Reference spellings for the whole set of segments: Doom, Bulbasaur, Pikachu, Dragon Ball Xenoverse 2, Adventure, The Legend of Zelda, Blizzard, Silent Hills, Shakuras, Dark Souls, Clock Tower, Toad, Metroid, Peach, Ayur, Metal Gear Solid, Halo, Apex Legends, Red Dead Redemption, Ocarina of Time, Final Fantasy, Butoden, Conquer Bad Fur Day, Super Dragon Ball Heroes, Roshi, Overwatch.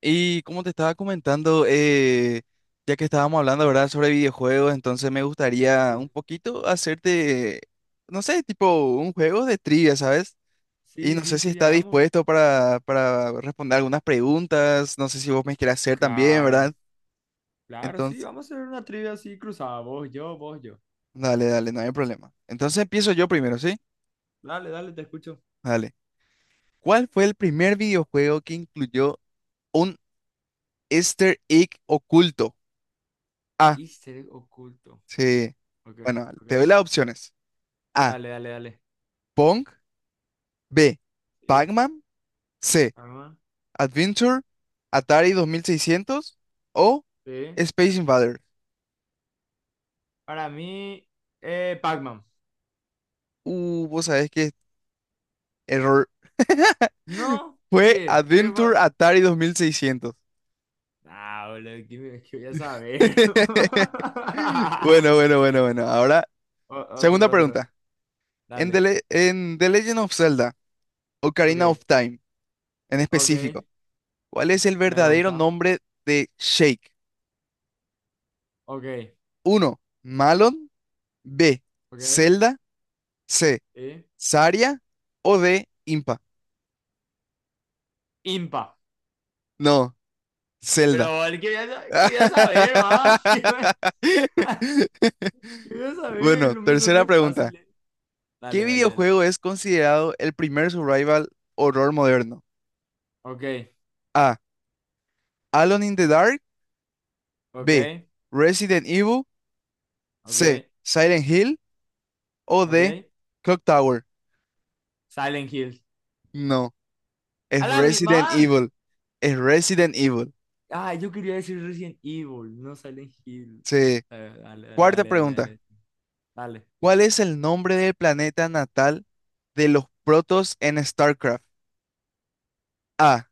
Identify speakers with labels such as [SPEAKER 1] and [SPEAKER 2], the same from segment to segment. [SPEAKER 1] Y como te estaba comentando, ya que estábamos hablando, ¿verdad?, sobre videojuegos, entonces me
[SPEAKER 2] Sí,
[SPEAKER 1] gustaría un poquito hacerte, no sé, tipo un juego de trivia, ¿sabes? Y
[SPEAKER 2] sí,
[SPEAKER 1] no sé
[SPEAKER 2] sí,
[SPEAKER 1] si
[SPEAKER 2] sí,
[SPEAKER 1] está
[SPEAKER 2] hagamos.
[SPEAKER 1] dispuesto para responder algunas preguntas, no sé si vos me quieres hacer también,
[SPEAKER 2] Claro,
[SPEAKER 1] ¿verdad?
[SPEAKER 2] claro, sí,
[SPEAKER 1] Entonces,
[SPEAKER 2] vamos a hacer una trivia así cruzada. Vos, yo, vos, yo.
[SPEAKER 1] dale, dale, no hay problema. Entonces empiezo yo primero, ¿sí?
[SPEAKER 2] Dale, dale, te escucho.
[SPEAKER 1] Dale. ¿Cuál fue el primer videojuego que incluyó un Easter egg oculto? Ah,
[SPEAKER 2] Easter egg oculto.
[SPEAKER 1] sí.
[SPEAKER 2] Ok,
[SPEAKER 1] Bueno,
[SPEAKER 2] ok.
[SPEAKER 1] te doy las opciones. A.
[SPEAKER 2] Dale, dale, dale.
[SPEAKER 1] Pong. B.
[SPEAKER 2] Sí,
[SPEAKER 1] Pac-Man. C.
[SPEAKER 2] arma.
[SPEAKER 1] Adventure. Atari 2600 o
[SPEAKER 2] Sí.
[SPEAKER 1] Space Invaders.
[SPEAKER 2] Para mí, Pac-Man.
[SPEAKER 1] Vos sabés que error.
[SPEAKER 2] ¿No?
[SPEAKER 1] Fue
[SPEAKER 2] ¿Qué? ¿Qué
[SPEAKER 1] Adventure
[SPEAKER 2] fue?
[SPEAKER 1] Atari 2600.
[SPEAKER 2] Ah, boludo, ¿qué, qué voy a saber?
[SPEAKER 1] Bueno, bueno, bueno, bueno. Ahora, segunda
[SPEAKER 2] Otro, otro.
[SPEAKER 1] pregunta. En The,
[SPEAKER 2] Dale.
[SPEAKER 1] Le- en The Legend of Zelda,
[SPEAKER 2] Ok,
[SPEAKER 1] Ocarina of Time, en
[SPEAKER 2] ok.
[SPEAKER 1] específico, ¿cuál es el
[SPEAKER 2] Me
[SPEAKER 1] verdadero
[SPEAKER 2] gusta.
[SPEAKER 1] nombre de Shake?
[SPEAKER 2] Ok,
[SPEAKER 1] Uno. Malon. B.
[SPEAKER 2] ok.
[SPEAKER 1] Zelda. C.
[SPEAKER 2] Sí.
[SPEAKER 1] Saria o de Impa.
[SPEAKER 2] Impa.
[SPEAKER 1] No, Zelda.
[SPEAKER 2] Pero él quería, quería saber, más. Quería saber,
[SPEAKER 1] Bueno,
[SPEAKER 2] lo me hizo
[SPEAKER 1] tercera
[SPEAKER 2] re
[SPEAKER 1] pregunta.
[SPEAKER 2] fácil. Dale,
[SPEAKER 1] ¿Qué
[SPEAKER 2] dale, dale.
[SPEAKER 1] videojuego es considerado el primer survival horror moderno?
[SPEAKER 2] Ok,
[SPEAKER 1] A. Alone in the Dark. B.
[SPEAKER 2] ok,
[SPEAKER 1] Resident Evil.
[SPEAKER 2] ok,
[SPEAKER 1] C. Silent Hill. O D.
[SPEAKER 2] ok.
[SPEAKER 1] Clock Tower.
[SPEAKER 2] Silent Hills.
[SPEAKER 1] No, es
[SPEAKER 2] ¡A la mi
[SPEAKER 1] Resident
[SPEAKER 2] man!
[SPEAKER 1] Evil. Es Resident Evil.
[SPEAKER 2] Ah, yo quería decir Resident Evil, no Silent Hills.
[SPEAKER 1] Sí.
[SPEAKER 2] Dale, dale,
[SPEAKER 1] Cuarta
[SPEAKER 2] dale, dale,
[SPEAKER 1] pregunta.
[SPEAKER 2] dale. Dale,
[SPEAKER 1] ¿Cuál es el nombre del planeta natal de los protos en StarCraft? A.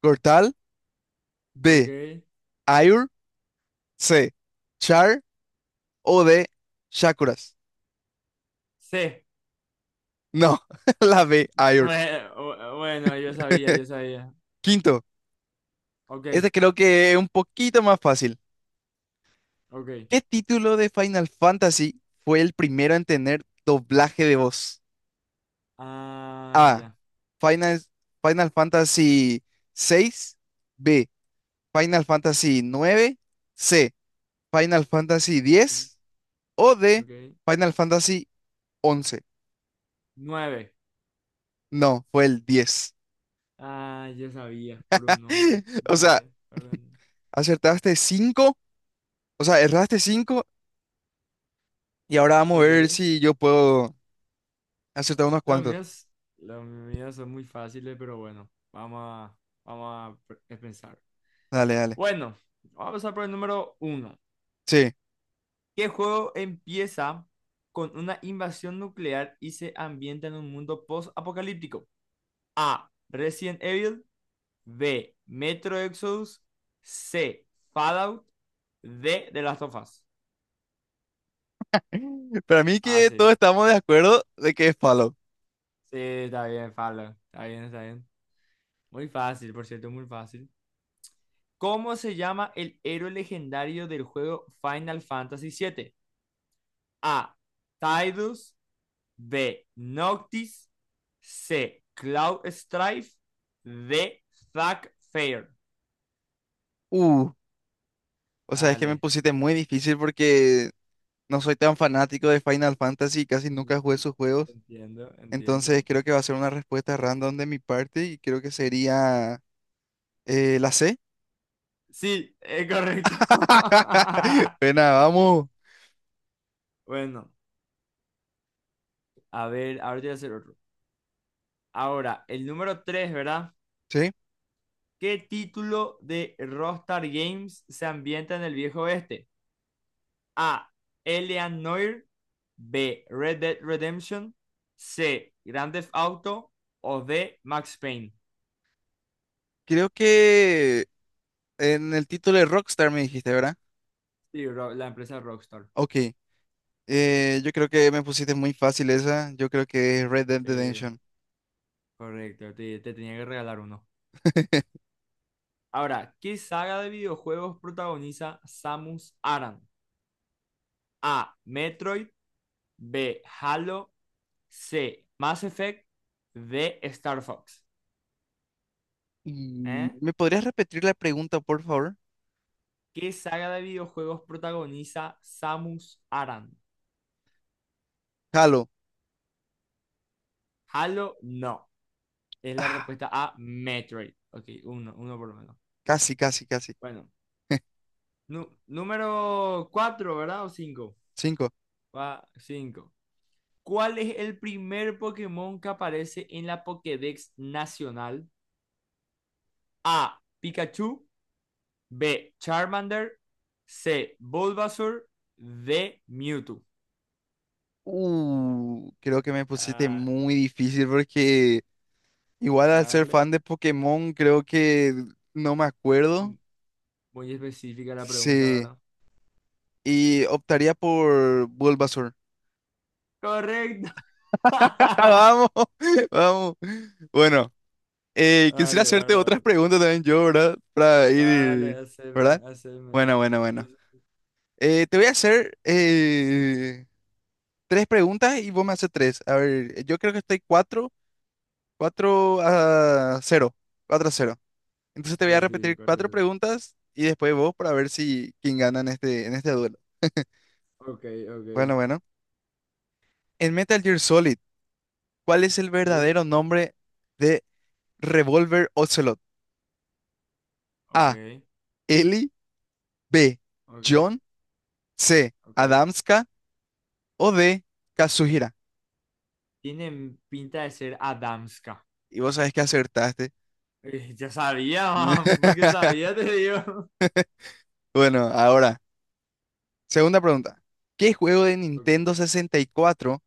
[SPEAKER 1] Cortal. B.
[SPEAKER 2] ok.
[SPEAKER 1] Ayur. C. Char. O D. Shakuras.
[SPEAKER 2] Sí.
[SPEAKER 1] No, la B. Ayur.
[SPEAKER 2] Bueno, bueno, yo sabía, yo sabía.
[SPEAKER 1] Quinto.
[SPEAKER 2] Ok,
[SPEAKER 1] Este creo que es un poquito más fácil.
[SPEAKER 2] ok.
[SPEAKER 1] ¿Qué título de Final Fantasy fue el primero en tener doblaje de voz?
[SPEAKER 2] Ah,
[SPEAKER 1] A.
[SPEAKER 2] ya.
[SPEAKER 1] Final, Final Fantasy 6. B. Final Fantasy 9. C. Final Fantasy
[SPEAKER 2] Ok,
[SPEAKER 1] 10. O D.
[SPEAKER 2] ok.
[SPEAKER 1] Final Fantasy 11.
[SPEAKER 2] Nueve.
[SPEAKER 1] No, fue el 10.
[SPEAKER 2] Ah, yo sabía por un número.
[SPEAKER 1] O
[SPEAKER 2] Ya,
[SPEAKER 1] sea,
[SPEAKER 2] ya, perdón.
[SPEAKER 1] acertaste 5, o sea, erraste 5 y ahora vamos a ver
[SPEAKER 2] Ok.
[SPEAKER 1] si yo puedo acertar unos
[SPEAKER 2] Los
[SPEAKER 1] cuantos.
[SPEAKER 2] míos, los míos son muy fáciles, pero bueno, vamos a pensar.
[SPEAKER 1] Dale, dale.
[SPEAKER 2] Bueno, vamos a pasar por el número uno.
[SPEAKER 1] Sí.
[SPEAKER 2] ¿Qué juego empieza con una invasión nuclear y se ambienta en un mundo post-apocalíptico? A. Resident Evil. B. Metro Exodus. C. Fallout. D. The Last of Us.
[SPEAKER 1] Para mí que todos
[SPEAKER 2] Fácil.
[SPEAKER 1] estamos de acuerdo de que es Fallout.
[SPEAKER 2] Sí, está bien, Fallout. Está bien, está bien. Muy fácil, por cierto, muy fácil. ¿Cómo se llama el héroe legendario del juego Final Fantasy siete? A. Tidus. B. Noctis. C. Cloud Strife. D. Zack Fair.
[SPEAKER 1] Uh, o sea, es que me
[SPEAKER 2] Dale.
[SPEAKER 1] pusiste muy difícil porque no soy tan fanático de Final Fantasy, y casi nunca jugué sus juegos.
[SPEAKER 2] Entiendo,
[SPEAKER 1] Entonces
[SPEAKER 2] entiendo.
[SPEAKER 1] creo que va a ser una respuesta random de mi parte y creo que sería la C.
[SPEAKER 2] Sí, es correcto.
[SPEAKER 1] Pena, vamos.
[SPEAKER 2] Bueno, a ver, ahora te voy a hacer otro. Ahora, el número tres, ¿verdad?
[SPEAKER 1] Sí.
[SPEAKER 2] ¿Qué título de Rockstar Games se ambienta en el viejo oeste? A. Elian Noir. B. Red Dead Redemption. C. Grand Theft Auto. O D. Max Payne.
[SPEAKER 1] Creo que En el título de Rockstar me dijiste, ¿verdad?
[SPEAKER 2] Sí, la empresa Rockstar.
[SPEAKER 1] Ok. Yo creo que me pusiste muy fácil esa. Yo creo que es Red Dead
[SPEAKER 2] Sí,
[SPEAKER 1] Redemption.
[SPEAKER 2] correcto. Te tenía que regalar uno. Ahora, ¿qué saga de videojuegos protagoniza Samus Aran? A. Metroid. B. Halo. C. Mass Effect. D. Star Fox. ¿Eh?
[SPEAKER 1] ¿Me podrías repetir la pregunta, por favor?
[SPEAKER 2] ¿Qué saga de videojuegos protagoniza Samus Aran?
[SPEAKER 1] Halo.
[SPEAKER 2] Halo, no. Es la
[SPEAKER 1] Ah,
[SPEAKER 2] respuesta a Metroid. Ok, uno, uno por lo menos.
[SPEAKER 1] casi, casi, casi.
[SPEAKER 2] Bueno, número 4, ¿verdad? ¿O 5?
[SPEAKER 1] Cinco.
[SPEAKER 2] Cinco. ¿Cuál es el primer Pokémon que aparece en la Pokédex nacional? A. Pikachu. B. Charmander. C. Bulbasaur. D. Mewtwo.
[SPEAKER 1] Creo que me pusiste
[SPEAKER 2] Ah,
[SPEAKER 1] muy difícil porque igual al ser
[SPEAKER 2] vale.
[SPEAKER 1] fan de Pokémon, creo que no me
[SPEAKER 2] Mm,
[SPEAKER 1] acuerdo.
[SPEAKER 2] muy específica la pregunta,
[SPEAKER 1] Sí.
[SPEAKER 2] ¿verdad?
[SPEAKER 1] Y optaría por Bulbasaur.
[SPEAKER 2] Correcto.
[SPEAKER 1] Vamos, vamos. Bueno. Quisiera
[SPEAKER 2] Vale,
[SPEAKER 1] hacerte otras
[SPEAKER 2] ahora.
[SPEAKER 1] preguntas también yo, ¿verdad? Para
[SPEAKER 2] Vale,
[SPEAKER 1] ir, ¿verdad?
[SPEAKER 2] haceme, haceme.
[SPEAKER 1] Bueno, bueno, bueno.
[SPEAKER 2] Sí, sí.
[SPEAKER 1] Te voy a hacer tres preguntas y vos me haces tres. A ver, yo creo que estoy cuatro a cero, 4-0. Entonces te voy a
[SPEAKER 2] Sí, sí, sí,
[SPEAKER 1] repetir
[SPEAKER 2] cuatro
[SPEAKER 1] cuatro
[SPEAKER 2] 0
[SPEAKER 1] preguntas y después vos para ver si quién gana en este duelo.
[SPEAKER 2] Ok, ok.
[SPEAKER 1] Bueno, bueno. En Metal Gear Solid, ¿cuál es el
[SPEAKER 2] Sí,
[SPEAKER 1] verdadero nombre de Revolver Ocelot? A.
[SPEAKER 2] ok,
[SPEAKER 1] Ellie. B.
[SPEAKER 2] ok,
[SPEAKER 1] John. C.
[SPEAKER 2] ok.
[SPEAKER 1] Adamska. O de Kazuhira.
[SPEAKER 2] Tienen pinta de ser Adamska.
[SPEAKER 1] Y vos sabés que acertaste.
[SPEAKER 2] Ya sabía, man, porque sabía, te digo.
[SPEAKER 1] Bueno, ahora, segunda pregunta. ¿Qué juego de
[SPEAKER 2] Ok.
[SPEAKER 1] Nintendo 64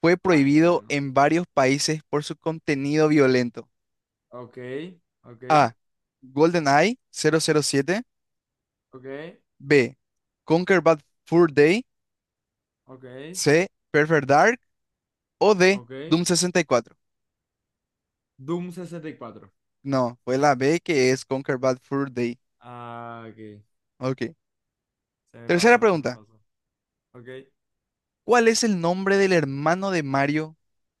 [SPEAKER 1] fue
[SPEAKER 2] Ay,
[SPEAKER 1] prohibido
[SPEAKER 2] bueno.
[SPEAKER 1] en varios países por su contenido violento?
[SPEAKER 2] Ok, ok,
[SPEAKER 1] A. GoldenEye 007.
[SPEAKER 2] ok,
[SPEAKER 1] B. Conquer Bad Fur Day.
[SPEAKER 2] ok,
[SPEAKER 1] C. Perfect Dark. O D.
[SPEAKER 2] ok.
[SPEAKER 1] Doom 64.
[SPEAKER 2] Doom 64.
[SPEAKER 1] No, fue la B que es Conquer Bad Fur Day.
[SPEAKER 2] Ah, ok.
[SPEAKER 1] Ok.
[SPEAKER 2] Se me
[SPEAKER 1] Tercera
[SPEAKER 2] pasó, se me
[SPEAKER 1] pregunta.
[SPEAKER 2] pasó. Ok,
[SPEAKER 1] ¿Cuál es el nombre del hermano de Mario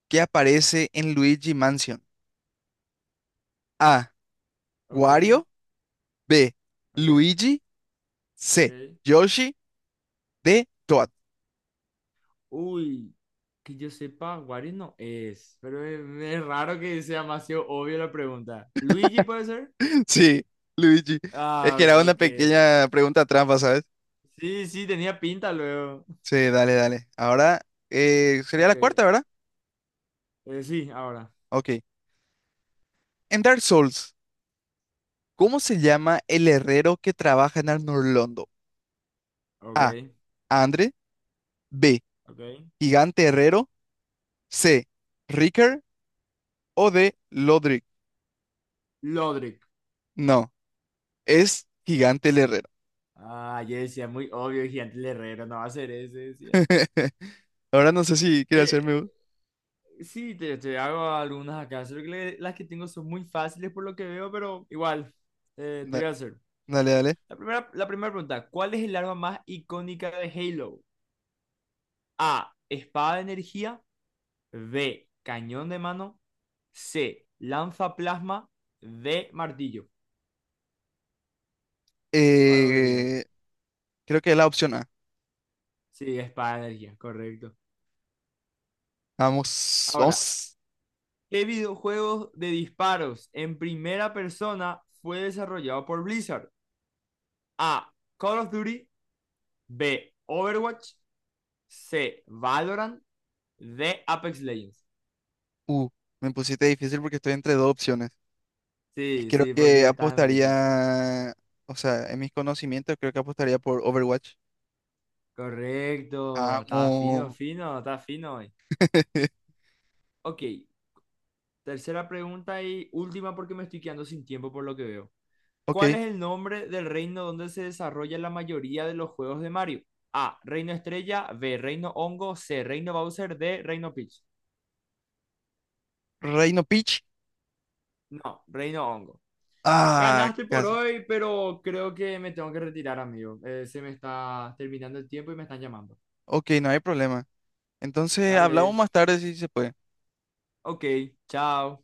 [SPEAKER 1] que aparece en Luigi Mansion? A.
[SPEAKER 2] ok,
[SPEAKER 1] Wario. B.
[SPEAKER 2] ok,
[SPEAKER 1] Luigi. C.
[SPEAKER 2] ok.
[SPEAKER 1] Yoshi. D. Toad.
[SPEAKER 2] Uy, que yo sepa, Wario no es, pero es raro que sea demasiado obvio la pregunta. ¿Luigi puede ser?
[SPEAKER 1] Sí, Luigi. Es
[SPEAKER 2] Ah,
[SPEAKER 1] que era una
[SPEAKER 2] ok, ok.
[SPEAKER 1] pequeña pregunta trampa, ¿sabes?
[SPEAKER 2] Sí, sí, tenía pinta luego.
[SPEAKER 1] Sí, dale, dale. Ahora sería
[SPEAKER 2] Ok,
[SPEAKER 1] la cuarta, ¿verdad?
[SPEAKER 2] sí, ahora.
[SPEAKER 1] Ok. En Dark Souls, ¿cómo se llama el herrero que trabaja en Arnorlondo? A.
[SPEAKER 2] Ok,
[SPEAKER 1] Andre. B.
[SPEAKER 2] ok.
[SPEAKER 1] Gigante Herrero. C. Ricker. O D. Lodric.
[SPEAKER 2] Lodric.
[SPEAKER 1] No, es Gigante el Herrero.
[SPEAKER 2] Ah, yo decía, muy obvio, gigante el herrero, no va a ser ese, decía.
[SPEAKER 1] Ahora no sé si quiere
[SPEAKER 2] Eh,
[SPEAKER 1] hacerme.
[SPEAKER 2] sí, te hago algunas acá, solo que las que tengo son muy fáciles por lo que veo, pero igual, te
[SPEAKER 1] Da-
[SPEAKER 2] voy a hacer.
[SPEAKER 1] Dale, dale.
[SPEAKER 2] La primera pregunta, ¿cuál es el arma más icónica de Halo? A, espada de energía, B, cañón de mano, C, lanza plasma, D, martillo. ¿Cuál vos dirías?
[SPEAKER 1] Eh, Creo que es la opción A.
[SPEAKER 2] Sí, espada de energía, correcto.
[SPEAKER 1] Vamos,
[SPEAKER 2] Ahora,
[SPEAKER 1] vamos.
[SPEAKER 2] ¿qué videojuego de disparos en primera persona fue desarrollado por Blizzard? A, Call of Duty, B, Overwatch, C, Valorant, D, Apex Legends.
[SPEAKER 1] Uh, Me pusiste difícil porque estoy entre dos opciones. Y
[SPEAKER 2] Sí,
[SPEAKER 1] creo
[SPEAKER 2] sí,
[SPEAKER 1] que
[SPEAKER 2] porque está en Blizzard.
[SPEAKER 1] apostaría, o sea, en mis conocimientos, creo que apostaría por Overwatch.
[SPEAKER 2] Correcto, está fino,
[SPEAKER 1] Amo.
[SPEAKER 2] fino, está fino hoy. Ok, tercera pregunta y última porque me estoy quedando sin tiempo por lo que veo. ¿Cuál
[SPEAKER 1] Ok.
[SPEAKER 2] es el nombre del reino donde se desarrolla la mayoría de los juegos de Mario? A, Reino Estrella, B, Reino Hongo, C, Reino Bowser, D, Reino Peach.
[SPEAKER 1] Reino Peach.
[SPEAKER 2] No, Reino Hongo.
[SPEAKER 1] Ah,
[SPEAKER 2] Ganaste por
[SPEAKER 1] casi.
[SPEAKER 2] hoy, pero creo que me tengo que retirar, amigo. Se me está terminando el tiempo y me están llamando.
[SPEAKER 1] Ok, no hay problema. Entonces hablamos
[SPEAKER 2] Dale,
[SPEAKER 1] más tarde si se puede.
[SPEAKER 2] ok, chao.